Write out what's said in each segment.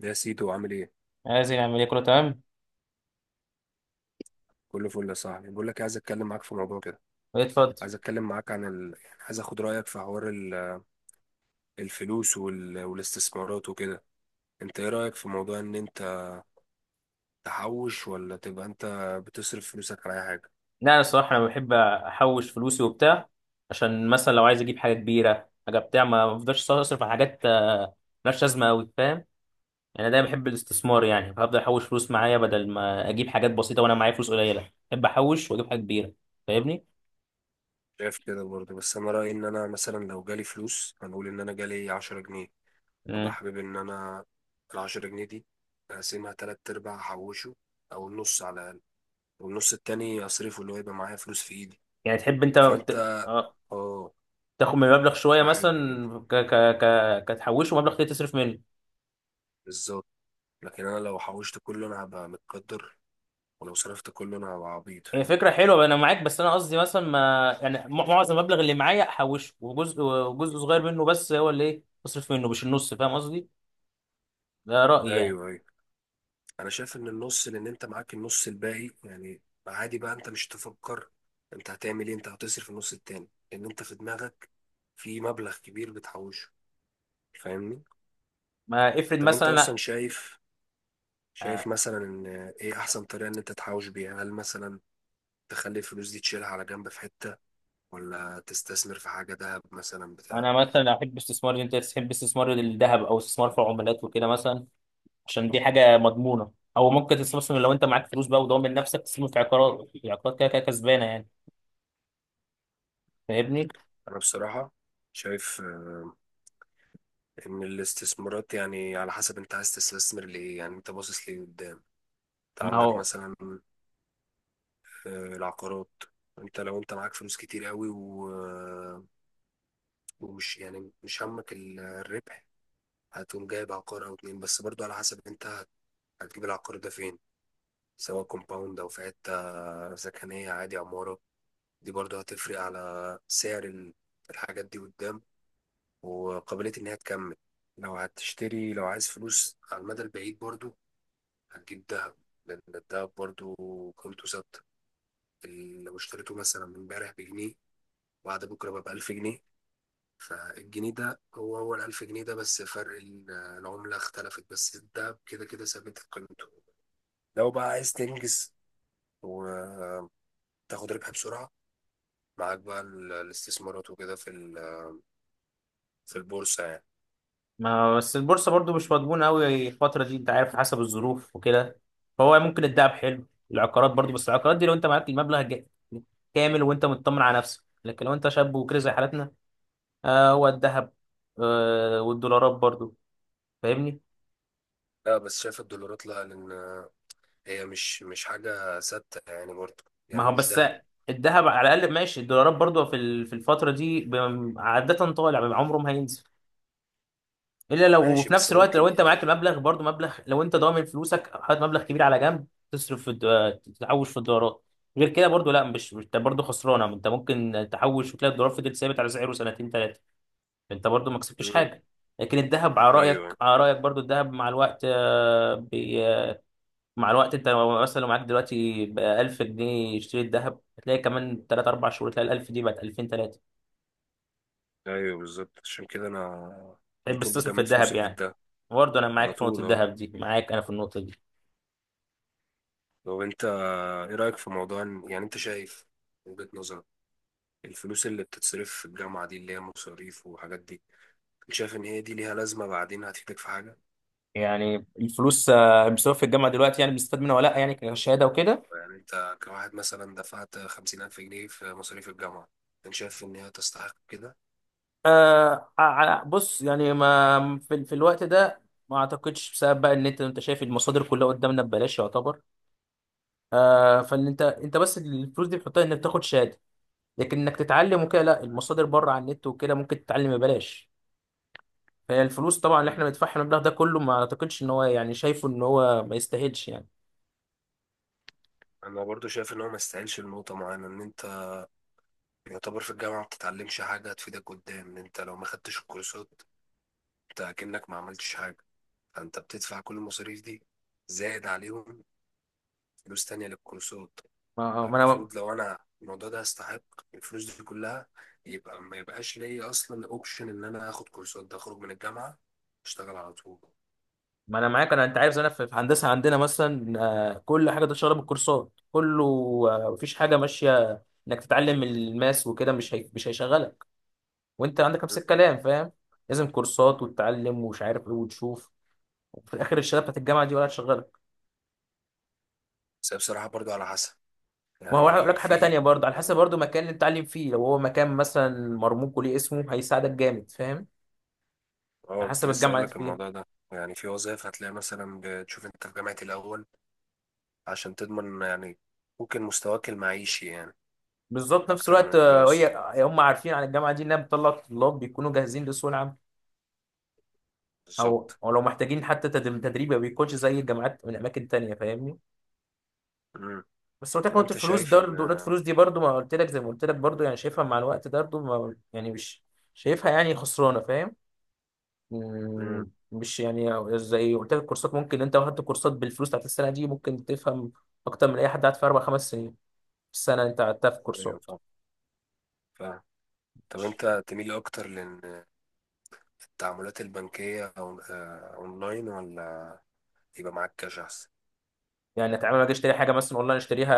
يا سيدو عامل ايه؟ عايزين نعمل ايه؟ كله تمام. كله فل يا صاحبي. بقول لك إيه، عايز اتكلم معاك في موضوع كده. إيه، اتفضل. عايز اتكلم معاك عن يعني عايز اخد رايك في حوار الفلوس والاستثمارات وكده. انت ايه رايك في موضوع ان انت تحوش، ولا تبقى انت بتصرف فلوسك على اي حاجه؟ لا، انا الصراحه انا بحب احوش فلوسي وبتاع. عشان مثلا لو عايز اجيب حاجه كبيره حاجه بتاع، ما بفضلش اصرف على حاجات ملهاش لازمه قوي. فاهم؟ يعني دايما بحب الاستثمار، يعني هفضل احوش فلوس معايا بدل ما اجيب حاجات بسيطه وانا معايا فلوس قليله، بحب احوش واجيب حاجه كبيره. فاهمني؟ شايف كده برضه، بس انا رايي ان انا مثلا لو جالي فلوس، هنقول ان انا جالي 10 جنيه، ابقى مم. حابب ان انا ال 10 جنيه دي اقسمها تلات ارباع احوشه، او النص على الاقل، والنص التاني اصرفه، اللي هو يبقى معايا فلوس في ايدي. يعني تحب انت فانت، اه، تاخد من المبلغ شويه، احب مثلا كده، ك ك ك كتحوشه مبلغ تاني تصرف منه. بالظبط. لكن انا لو حوشت كله انا هبقى متقدر، ولو صرفت كله انا هبقى عبيط، هي فاهم. فكرة حلوة بقى، أنا معاك، بس أنا قصدي مثلا ما يعني معظم المبلغ اللي معايا أحوشه، وجزء صغير منه بس هو اللي إيه أصرف منه، مش النص. فاهم قصدي؟ ده رأيي يعني. ايوه، ايوه، انا شايف ان النص، لان انت معاك النص الباقي يعني عادي. بقى انت مش تفكر انت هتعمل ايه، انت هتصرف النص التاني، لان انت في دماغك في مبلغ كبير بتحوشه، فاهمني. ما افرض طب انت مثلا أنا اصلا شايف، شايف آه، مثلا ان ايه احسن طريقة ان انت تحوش بيها؟ هل مثلا تخلي الفلوس دي تشيلها على جنب في حتة، ولا تستثمر في حاجة دهب مثلا بتاع؟ أنا مثلا أحب استثمار، أنت تحب استثمار الذهب أو استثمار في العملات وكده مثلا، عشان دي حاجة مضمونة. أو ممكن تستثمر لو أنت معاك فلوس بقى وضامن نفسك، تستثمر في عقارات كده كده كسبانة يعني. فاهمني؟ انا بصراحة شايف ان الاستثمارات يعني على حسب انت عايز تستثمر لايه، يعني انت باصص ليه قدام. انت ما عندك هو، مثلا، العقارات. انت لو انت معاك فلوس كتير قوي ومش يعني مش همك الربح، هتقوم جايب عقار او اتنين. بس برضو على حسب انت هتجيب العقار ده فين، سواء كومباوند او في حتة سكنية عادي عمارة، دي برضو هتفرق على سعر الحاجات دي قدام، وقابلية ان هي تكمل. لو هتشتري، لو عايز فلوس على المدى البعيد، برضو هتجيب دهب، لأن الدهب برضو قيمته ثابتة. لو اشتريته مثلا من امبارح بجنيه، وبعد بكرة بقى بألف جنيه، فالجنيه ده هو هو الألف جنيه ده، بس فرق العملة اختلفت، بس الدهب كده كده ثابت قيمته. لو بقى عايز تنجز وتاخد ربح بسرعة، معاك بقى الاستثمارات وكده في في البورصة يعني. ما بس البورصة برضو مش مضمونة أوي الفترة دي، أنت عارف حسب الظروف وكده. فهو ممكن الدهب حلو، العقارات برضو، بس العقارات دي لو أنت معاك المبلغ كامل وأنت مطمن على نفسك، لكن لو أنت شاب وكده زي حالتنا، هو الدهب، والدولارات برضو. فاهمني؟ لا بس شايف الدولارات لا، لأن هي مش حاجة ثابتة يعني برضه، ما يعني هو هو مش بس ذهب. الدهب على الأقل ماشي، الدولارات برضو في في الفترة دي عادة طالع، عمره ما هينزل، الا لو. ماشي، وفي بس نفس الوقت ممكن لو انت معاك يعني. المبلغ، برضو مبلغ، لو انت ضامن فلوسك حاطط مبلغ كبير على جنب، تصرف في تحوش في الدولارات. غير كده برضو لا، انت برضو خسرانه، انت ممكن تحوش وتلاقي الدولار فضل ثابت على سعره سنتين ثلاثه، انت برضو ما كسبتش مم. حاجه. لكن الذهب، على رايك ايوه، على رايك برضو، الذهب مع الوقت انت لو مثلا، لو معاك دلوقتي بقى 1000 جنيه يشتري الذهب، هتلاقي كمان 3 4 شهور تلاقي ال 1000 دي بقت 2000 3. ايوه، بالظبط. عشان كده انا على تحب طول تستثمر في بجمد الذهب فلوسي في يعني؟ ده، برضه انا على معاك في نقطه طول اه. الذهب دي، معاك انا في النقطه دي. لو انت، ايه رايك في موضوع يعني انت شايف من وجهة نظرك الفلوس اللي بتتصرف في الجامعه دي، اللي هي مصاريف وحاجات دي، انت شايف ان هي دي ليها لازمه بعدين؟ هتفيدك في حاجه؟ يعني الفلوس المصروف في الجامعه دلوقتي، يعني بنستفاد منها ولا لا، يعني كشهاده وكده؟ يعني انت كواحد مثلا دفعت 50000 جنيه في مصاريف الجامعه، انت شايف ان هي تستحق كده؟ آه. على، بص يعني ما في, الوقت ده ما اعتقدش. بسبب بقى ان انت شايف المصادر كلها قدامنا ببلاش يعتبر، فان انت بس، الفلوس دي بتحطها انك تاخد شهاده. لكن انك تتعلم وكده لا، المصادر بره على النت وكده ممكن تتعلم ببلاش. فهي الفلوس طبعا اللي احنا مم. بندفعها، المبلغ ده كله، ما اعتقدش ان هو يعني، شايفه ان هو ما يستاهلش يعني. انا برضو شايف ان هو ما يستاهلش لنقطه معينه، ان انت يعتبر في الجامعه ما بتتعلمش حاجه هتفيدك قدام. ان انت لو ما خدتش الكورسات انت كأنك ما عملتش حاجه، فانت بتدفع كل المصاريف دي زائد عليهم فلوس تانية للكورسات. ما ما انا، فالمفروض لو انا الموضوع ده يستحق الفلوس دي كلها، يبقى ما يبقاش ليا اصلا اوبشن ان انا اخد كورسات، ده اخرج من الجامعة اشتغل على طول. ما انا معاك، انا انت عارف، زي انا في هندسه عندنا مثلا. كل حاجه ده شغاله بالكورسات كله. مفيش حاجه ماشيه انك تتعلم الماس وكده. مش هيشغلك. وانت عندك نفس الكلام، فاهم؟ لازم كورسات وتتعلم ومش عارف ايه وتشوف. وفي الاخر الشهاده بتاعت الجامعه دي ولا هتشغلك؟ بس هي بصراحة برضو على حسب، ما هو هقول لك يعني حاجه تانية، في، برضه على حسب برضه المكان اللي بتتعلم فيه، لو هو مكان مثلا مرموق وليه اسمه هيساعدك جامد. فاهم؟ على اه كنت حسب لسه الجامعه اقول اللي لك انت فيها. الموضوع ده، يعني في وظائف هتلاقي مثلا بتشوف انت في جامعة الاول، عشان تضمن يعني ممكن مستواك المعيشي يعني بالظبط، نفس اكتر من الوقت الدراسي. هم عارفين عن الجامعه دي انها بتطلع طلاب بيكونوا جاهزين لسوق العمل، او بالظبط. او لو محتاجين حتى تدريب، ما بيكونش زي الجامعات من اماكن تانية. فاهمني؟ مم. بس قلت لك طب نقطة انت الفلوس شايف ده، ان، نقطة الفلوس دي برضو ما قلت لك، زي ما قلت لك برضو، يعني شايفها مع الوقت ده برضو، ما يعني، مش شايفها يعني خسرانة. فاهم؟ مم. مم، مش يعني، زي قلت لك، كورسات ممكن انت واخدت كورسات بالفلوس بتاعت السنة دي، ممكن تفهم اكتر من اي حد قعد في اربع خمس سنين في السنة انت قعدتها في كورسات. ايوه، فاهم. طب انت تميل اكتر لان التعاملات البنكية اونلاين، ولا يبقى معاك كاش احسن؟ يعني اتعامل، اجي اشتري حاجة مثلا اونلاين، اشتريها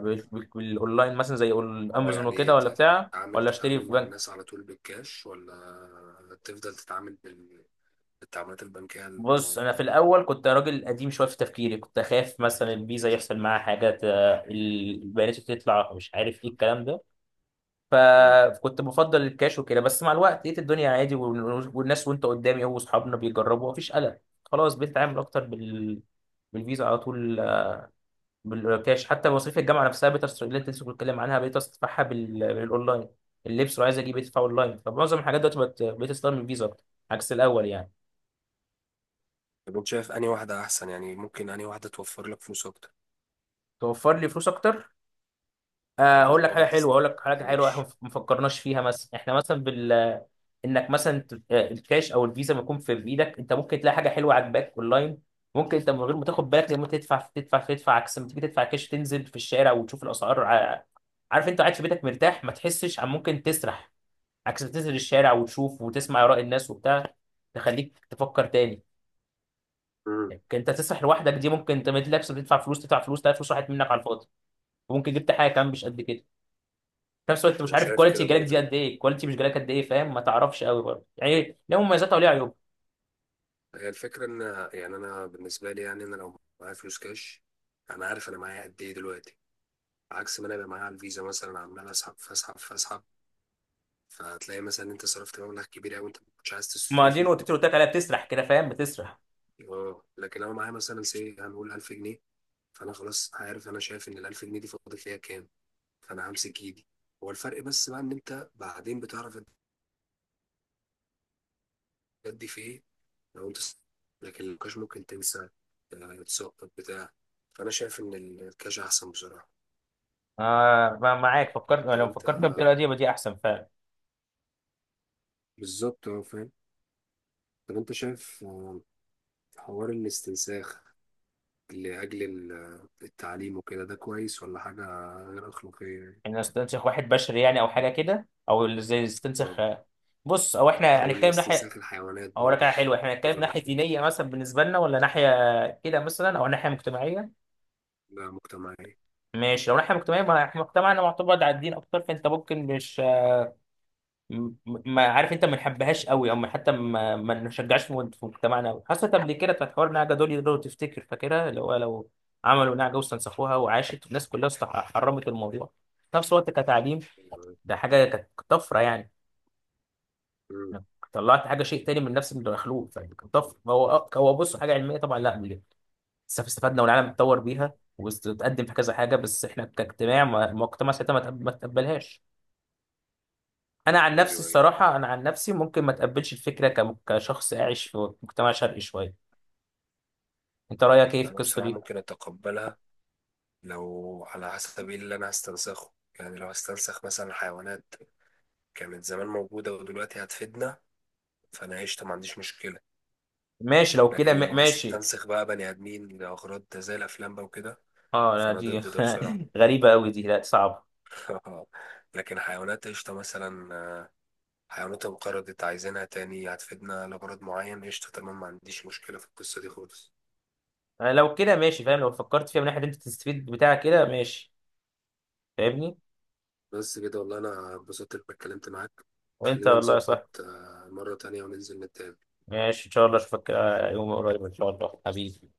بالاونلاين مثلا زي اه، امازون يعني وكده ولا بتاع، تتعامل ولا اشتري تتعامل في مع بنك؟ الناس على طول بالكاش، ولا تفضل تتعامل بالتعاملات البنكية بص، الاونلاين؟ انا في الاول كنت راجل قديم شويه في تفكيري، كنت اخاف مثلا الفيزا يحصل معاها حاجه البيانات تطلع، مش عارف ايه الكلام ده. مم. فكنت بفضل الكاش وكده. بس مع الوقت لقيت الدنيا عادي، والناس وانت قدامي هو واصحابنا بيجربوا، مفيش قلق. خلاص بقيت اتعامل اكتر بالفيزا على طول بالكاش. حتى مصاريف الجامعه نفسها بقيت اللي انت لسه بتتكلم عنها بقيت ادفعها بالاونلاين. اللبس لو عايز اجيب بقيت ادفعه اونلاين. فمعظم الحاجات دلوقتي بقيت استخدم الفيزا اكتر، عكس الاول يعني. طب انت شايف انهي واحدة احسن؟ يعني ممكن انهي واحدة توفر لك فلوس اكتر، توفر لي فلوس اكتر؟ يعني هقول اللي لك هو ما حاجه حلوه هقول لك حاجه حلوه احنا تستهلكش. ما فكرناش فيها. مثلا احنا مثلا انك مثلا الكاش او الفيزا ما يكون في ايدك، انت ممكن تلاقي حاجه حلوه عاجباك اونلاين. ممكن انت من غير ما تاخد بالك لما تدفع تدفع تدفع، عكس ما تيجي تدفع كاش تنزل في الشارع وتشوف الاسعار. عارف، انت قاعد في بيتك مرتاح ما تحسش، عن ممكن تسرح. عكس ما تنزل الشارع وتشوف وتسمع اراء الناس وبتاع، تخليك تفكر تاني. مم. لكن انت تسرح لوحدك دي ممكن انت ما تلاقيش، بتدفع فلوس تدفع فلوس، تلاقي فلوس راحت منك على الفاضي. وممكن جبت حاجه كمان مش قد كده. في نفس الوقت مش انا عارف شايف الكواليتي كده جالك دي برضو. قد ايه، الكواليتي مش جالك قد ايه، فاهم؟ ما تعرفش قوي برضه، يعني ليه مميزاتها وليه عيوبها. هي الفكرة ان، يعني انا بالنسبة لي، يعني انا لو معايا فلوس كاش انا عارف انا معايا قد ايه دلوقتي، عكس ما انا ابقى معايا على الفيزا مثلا، عمال اسحب فاسحب فاسحب، فتلاقي مثلا انت صرفت مبلغ كبير قوي انت ما كنتش عايز ما دي تصرفه. نقطتي اللي قلت لك عليها، بتسرح كده، فاهم؟ بتسرح. اه، لكن لو معايا مثلا سي هنقول 1000 جنيه، فانا خلاص عارف، انا شايف ان ال 1000 جنيه دي فاضل ليا كام، فانا همسك ايدي. هو الفرق بس بقى ان انت بعدين بتعرف تأدي في ايه، لو انت لكن الكاش ممكن تنسى، تسقط بتاع. فانا شايف ان الكاش احسن بصراحة. معاك، طب لو انت، فكرت بالطريقه دي يبقى دي احسن فعلا. بالظبط، اه، فاهم. طب انت شايف، حوار الاستنساخ لأجل التعليم وكده، ده كويس ولا حاجة غير أخلاقية يعني؟ ان استنسخ واحد بشري يعني، او حاجه كده، او زي اه، استنسخ بص، او احنا أو هنتكلم ناحيه. الاستنساخ الحيوانات اقول لك حاجه برضه حلوه، احنا هنتكلم تجرب ناحيه فيه، دينيه مثلا بالنسبه لنا، ولا ناحيه كده مثلا، او ناحيه مجتمعيه؟ ده مجتمعية. ماشي، لو ناحيه مجتمعيه، ما احنا مجتمعنا معتمد على الدين اكتر، فانت ممكن مش م- ما عارف، انت ما نحبهاش قوي، او حتى ما نشجعش في في مجتمعنا قوي. حصلت قبل كده بتاعت حوار النعجه دول، لو تفتكر، فاكرها، اللي هو لو عملوا نعجه واستنسخوها وعاشت، الناس كلها حرمت الموضوع. في نفس الوقت كتعليم ايوه. ده حاجه كانت طفره يعني، مم. انك طلعت حاجه شيء تاني من نفس المخلوق، فكانت طفره. هو هو بص حاجه علميه طبعا، لا بجد. بس استفدنا والعالم اتطور بيها وتقدم في كذا حاجه. بس احنا كاجتماع ما- مجتمع ساعتها ما تقبلهاش. ايوه، ايوه. انا عن نفسي ممكن ما تقبلش الفكره كشخص عايش في مجتمع شرقي شويه. انت رايك ايه في أنا القصه بصراحة دي؟ ممكن أتقبلها، لو على حسب إيه اللي أنا هستنسخه. يعني لو هستنسخ مثلا حيوانات كانت زمان موجودة ودلوقتي هتفيدنا، فأنا عشت ما عنديش مشكلة. ماشي، لو كده لكن لو ماشي. هستنسخ بقى بني آدمين لأغراض زي الأفلام بقى وكده، اه، لا فأنا دي ضد ده بصراحة. غريبه قوي، دي لا صعبه. لكن حيوانات قشطة مثلا، حيوانات انقرضت عايزينها تاني هتفيدنا لغرض معين، قشطة تمام، ما عنديش مشكلة في القصة دي خالص. أنا لو كده ماشي، فاهم؟ لو فكرت فيها من ناحيه انت تستفيد بتاع كده، ماشي. فاهمني؟ بس كده، والله أنا اتبسطت إنك اتكلمت معاك. وانت خلينا والله نظبط صح. مرة تانية وننزل نتقابل. ماشي، ان شاء الله اشوفك يوم قريب ان شاء الله، حبيبي.